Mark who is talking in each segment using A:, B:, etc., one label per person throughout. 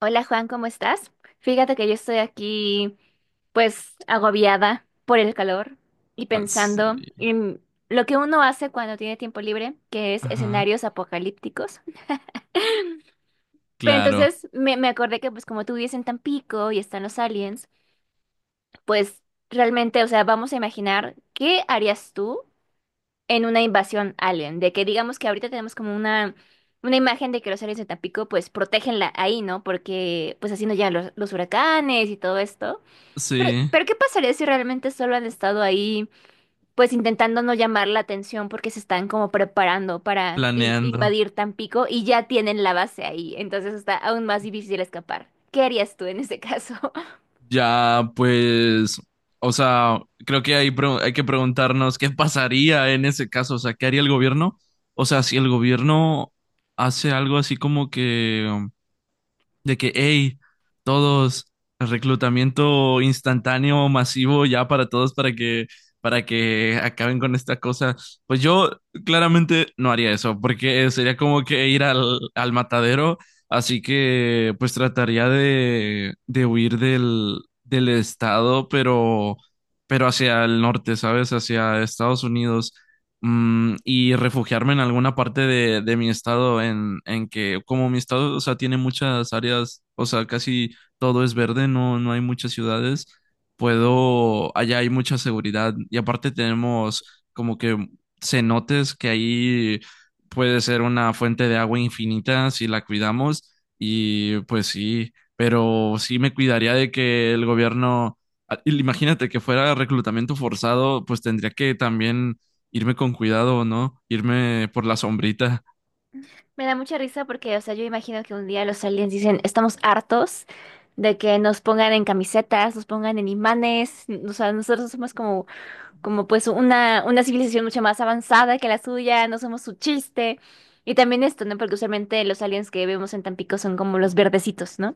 A: Hola Juan, ¿cómo estás? Fíjate que yo estoy aquí pues agobiada por el calor y
B: Ah,
A: pensando
B: sí.
A: en lo que uno hace cuando tiene tiempo libre, que es
B: Ajá,
A: escenarios apocalípticos. Pero
B: claro,
A: entonces me acordé que pues como tú vives en Tampico y están los aliens, pues realmente, o sea, vamos a imaginar qué harías tú en una invasión alien, de que digamos que ahorita tenemos como una imagen de que los aliens de Tampico pues protégenla ahí, ¿no? Porque pues así no llegan los huracanes y todo esto. Pero,
B: sí,
A: pero ¿qué pasaría si realmente solo han estado ahí, pues intentando no llamar la atención porque se están como preparando para
B: planeando.
A: invadir Tampico y ya tienen la base ahí? Entonces está aún más difícil escapar. ¿Qué harías tú en ese caso?
B: Ya, pues, o sea, creo que hay que preguntarnos qué pasaría en ese caso, o sea, ¿qué haría el gobierno? O sea, si el gobierno hace algo así como que de que, hey, todos, reclutamiento instantáneo, masivo, ya para todos, para que acaben con esta cosa. Pues yo claramente no haría eso, porque sería como que ir al matadero, así que pues trataría de huir del del estado, pero hacia el norte, ¿sabes? Hacia Estados Unidos, mm, y refugiarme en alguna parte de mi estado en que como mi estado, o sea, tiene muchas áreas, o sea, casi todo es verde, no, no hay muchas ciudades, puedo, allá hay mucha seguridad y aparte tenemos como que cenotes que ahí puede ser una fuente de agua infinita si la cuidamos y pues sí, pero sí me cuidaría de que el gobierno... Ah, y imagínate que fuera reclutamiento forzado, pues tendría que también irme con cuidado o no, irme por la sombrita.
A: Me da mucha risa porque, o sea, yo imagino que un día los aliens dicen, estamos hartos de que nos pongan en camisetas, nos pongan en imanes, o sea, nosotros somos como pues una civilización mucho más avanzada que la suya, no somos su chiste. Y también esto, ¿no? Porque usualmente los aliens que vemos en Tampico son como los verdecitos, ¿no?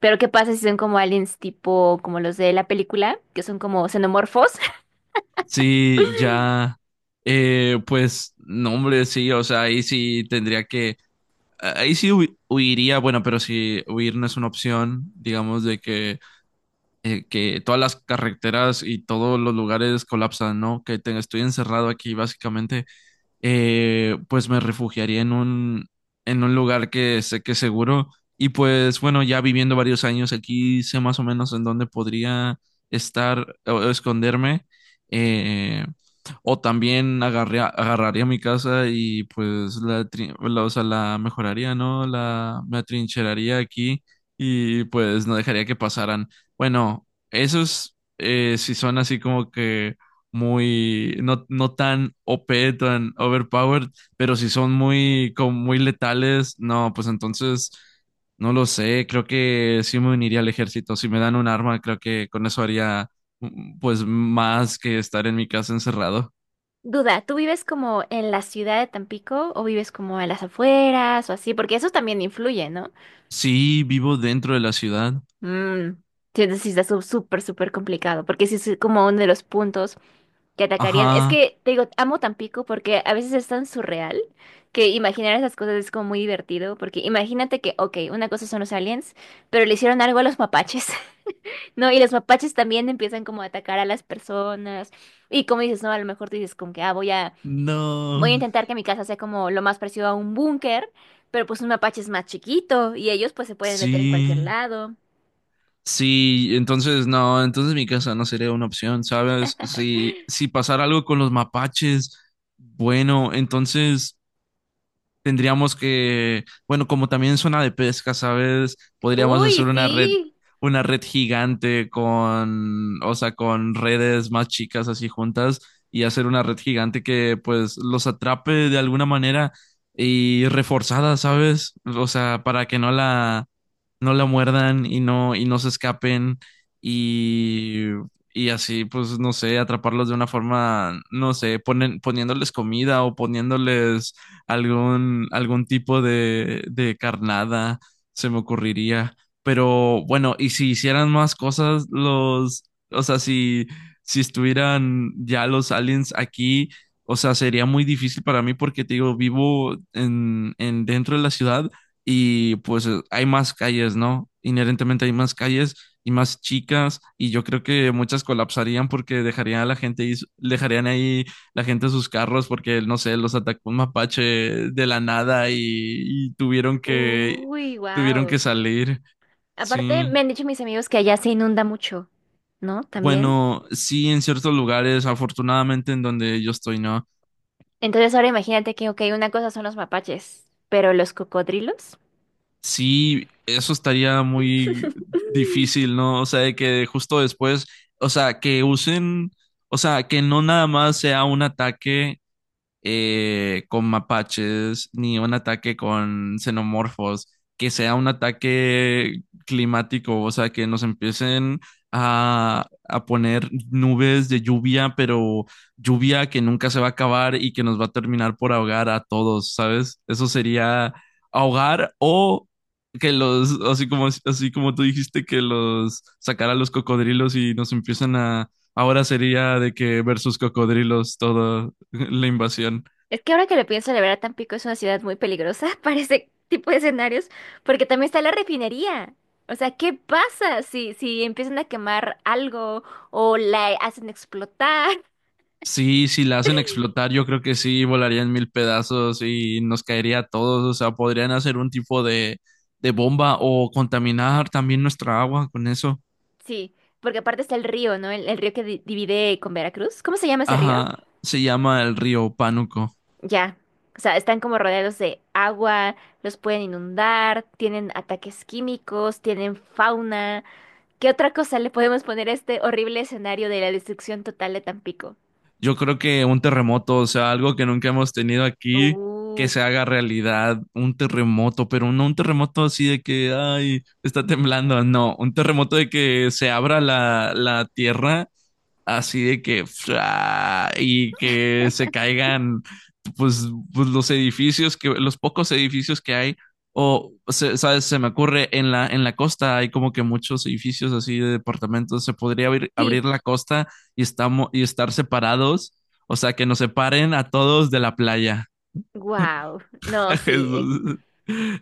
A: Pero ¿qué pasa si son como aliens tipo como los de la película, que son como xenomorfos?
B: Sí, ya, pues, no, hombre, sí, o sea, ahí sí huiría, bueno, pero si huir no es una opción, digamos, de que todas las carreteras y todos los lugares colapsan, ¿no? Que estoy encerrado aquí, básicamente, pues me refugiaría en un lugar que sé que es seguro. Y pues bueno, ya viviendo varios años aquí, sé más o menos en dónde podría estar o esconderme. Eh, o también agarraría mi casa y pues o sea, la mejoraría, ¿no? Me atrincheraría aquí y pues no dejaría que pasaran. Bueno, esos si son así como que muy, no, no tan OP, tan overpowered, pero si son muy, como muy letales, no, pues entonces, no lo sé, creo que sí me uniría al ejército, si me dan un arma, creo que con eso haría, mm, pues, más que estar en mi casa encerrado.
A: Duda, ¿tú vives como en la ciudad de Tampico o vives como a las afueras o así? Porque eso también influye, ¿no?
B: Sí, vivo dentro de la ciudad.
A: Mm, sí, entonces sí está súper, súper complicado, porque sí es como uno de los puntos que atacarían. Es
B: Ajá.
A: que, te digo, amo Tampico porque a veces es tan surreal que imaginar esas cosas es como muy divertido, porque imagínate que, ok, una cosa son los aliens, pero le hicieron algo a los mapaches, ¿no? Y los mapaches también empiezan como a atacar a las personas. Y como dices, no, a lo mejor tú dices como que, ah, voy a
B: No.
A: intentar que mi casa sea como lo más parecido a un búnker, pero pues un mapache es más chiquito y ellos pues se pueden meter en cualquier
B: Sí.
A: lado.
B: Sí, entonces no, entonces mi casa no sería una opción, ¿sabes? Si, si pasara algo con los mapaches, bueno, entonces tendríamos que, bueno, como también es de pesca, ¿sabes? Podríamos hacer
A: Uy, sí.
B: una red gigante con, o sea, con redes más chicas así juntas y hacer una red gigante que pues los atrape de alguna manera y reforzada, ¿sabes? O sea, para que no la, no la muerdan y no se escapen y, y así, pues, no sé, atraparlos de una forma, no sé, ponen, poniéndoles comida o poniéndoles algún tipo de carnada, se me ocurriría. Pero bueno, y si hicieran más cosas, los, o sea, si, si estuvieran ya los aliens aquí, o sea, sería muy difícil para mí porque te digo, vivo en dentro de la ciudad y pues hay más calles, ¿no? Inherentemente hay más calles y más chicas y yo creo que muchas colapsarían porque dejarían a la gente, dejarían ahí la gente a sus carros porque, no sé, los atacó un mapache de la nada y, y
A: Uy,
B: tuvieron que
A: wow.
B: salir.
A: Aparte,
B: Sí.
A: me han dicho mis amigos que allá se inunda mucho, ¿no? También.
B: Bueno, sí, en ciertos lugares, afortunadamente en donde yo estoy, ¿no?
A: Entonces ahora imagínate que, ok, una cosa son los mapaches, pero los cocodrilos.
B: Sí, eso estaría muy difícil, ¿no? O sea, de que justo después, o sea, que usen, o sea, que no nada más sea un ataque con mapaches, ni un ataque con xenomorfos, que sea un ataque climático, o sea, que nos empiecen a poner nubes de lluvia, pero lluvia que nunca se va a acabar y que nos va a terminar por ahogar a todos, ¿sabes? Eso sería ahogar o... Que los, así como tú dijiste, que los sacar a los cocodrilos y nos empiezan a, ahora sería de que versus cocodrilos todo, la invasión.
A: Es que ahora que lo pienso, la verdad, Tampico es una ciudad muy peligrosa para ese tipo de escenarios, porque también está la refinería. O sea, ¿qué pasa si, si empiezan a quemar algo o la hacen explotar?
B: Sí, si la hacen explotar, yo creo que sí, volarían mil pedazos y nos caería a todos. O sea, podrían hacer un tipo de bomba o contaminar también nuestra agua con eso.
A: Sí, porque aparte está el río, ¿no? El río que divide con Veracruz. ¿Cómo se llama ese río?
B: Ajá, se llama el río Pánuco.
A: Ya, o sea, están como rodeados de agua, los pueden inundar, tienen ataques químicos, tienen fauna. ¿Qué otra cosa le podemos poner a este horrible escenario de la destrucción total de Tampico?
B: Yo creo que un terremoto, o sea, algo que nunca hemos tenido aquí, que
A: Uh,
B: se haga realidad, un terremoto, pero no un terremoto así de que, ay, está temblando, no, un terremoto de que se abra la tierra así de que fra, y que se caigan pues, pues, los edificios, que los pocos edificios que hay o se, sabes, se me ocurre en la costa hay como que muchos edificios así de departamentos, se podría
A: sí,
B: abrir la costa y estamos y estar separados, o sea, que nos separen a todos de la playa.
A: wow. No, sí.
B: eso,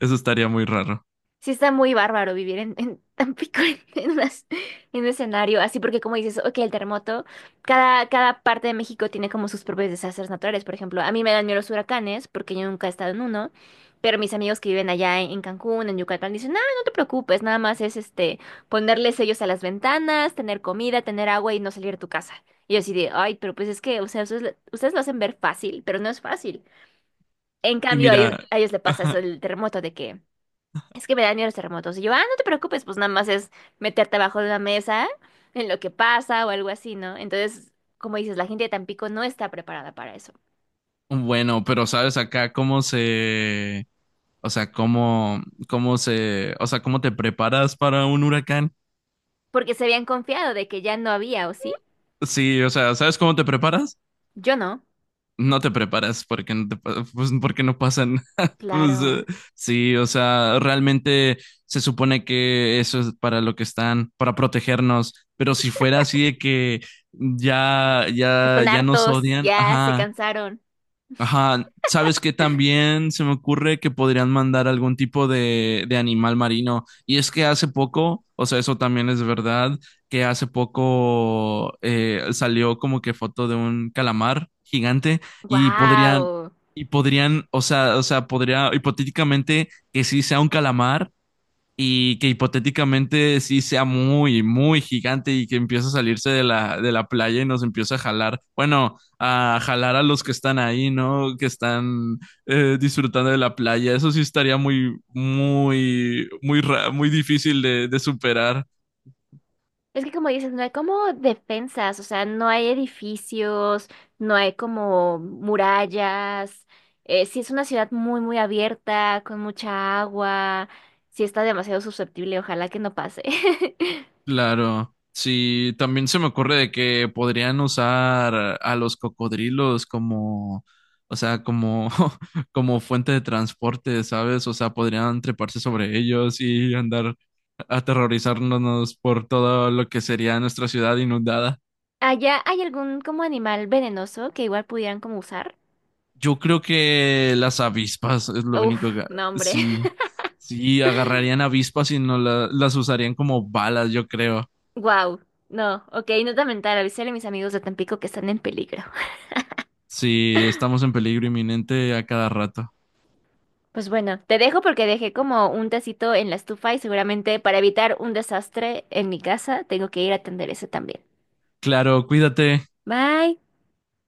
B: eso estaría muy raro.
A: Sí está muy bárbaro vivir en Tampico en, en un escenario así, porque como dices, ok, el terremoto, cada parte de México tiene como sus propios desastres naturales. Por ejemplo, a mí me dan miedo los huracanes, porque yo nunca he estado en uno, pero mis amigos que viven allá en Cancún, en Yucatán, dicen, no, no te preocupes, nada más es este ponerle sellos a las ventanas, tener comida, tener agua y no salir de tu casa. Y yo así de, ay, pero pues es que, o sea, ustedes lo hacen ver fácil, pero no es fácil. En
B: Y
A: cambio, a ellos,
B: mira,
A: a ellos le pasa eso, el terremoto de que es que me dan miedo los terremotos. Y yo, ah, no te preocupes, pues nada más es meterte abajo de una mesa en lo que pasa o algo así, ¿no? Entonces, como dices, la gente de Tampico no está preparada para eso.
B: bueno, pero sabes acá cómo se, o sea, ¿cómo, cómo se, o sea, cómo te preparas para un huracán?
A: Porque se habían confiado de que ya no había, ¿o sí?
B: Sí, o sea, ¿sabes cómo te preparas?
A: Yo no.
B: No te preparas porque no te, pues, porque no pasan. Pues,
A: Claro.
B: sí, o sea, realmente se supone que eso es para lo que están, para protegernos, pero si fuera así de que ya, ya,
A: Están
B: ya nos
A: hartos,
B: odian,
A: ya se
B: ajá.
A: cansaron.
B: Ajá, ¿sabes qué? También se me ocurre que podrían mandar algún tipo de animal marino. Y es que hace poco, o sea, eso también es verdad, que hace poco salió como que foto de un calamar gigante y podrían,
A: ¡Wow!
B: y podrían, o sea, podría hipotéticamente que sí sea un calamar, y que hipotéticamente sí sea muy, muy gigante y que empiece a salirse de de la playa y nos empiece a jalar, bueno, a jalar a los que están ahí, ¿no? Que están disfrutando de la playa. Eso sí estaría muy, muy, muy, muy difícil de superar.
A: Es que como dices, no hay como defensas, o sea, no hay edificios, no hay como murallas. Sí es una ciudad muy, muy abierta, con mucha agua. Sí está demasiado susceptible, ojalá que no pase.
B: Claro, sí, también se me ocurre de que podrían usar a los cocodrilos como, o sea, como, como fuente de transporte, ¿sabes? O sea, podrían treparse sobre ellos y andar aterrorizándonos por todo lo que sería nuestra ciudad inundada.
A: ¿Allá hay algún como animal venenoso que igual pudieran como usar?
B: Yo creo que las avispas es lo único
A: Uf,
B: que
A: no, hombre.
B: sí, sí agarrarían avispas y no la- las usarían como balas, yo creo.
A: Wow. No, ok, nota mental, avisarle a mis amigos de Tampico que están en peligro.
B: Si estamos en peligro inminente a cada rato.
A: Pues bueno, te dejo porque dejé como un tacito en la estufa y seguramente para evitar un desastre en mi casa tengo que ir a atender eso también.
B: Claro, cuídate.
A: Bye.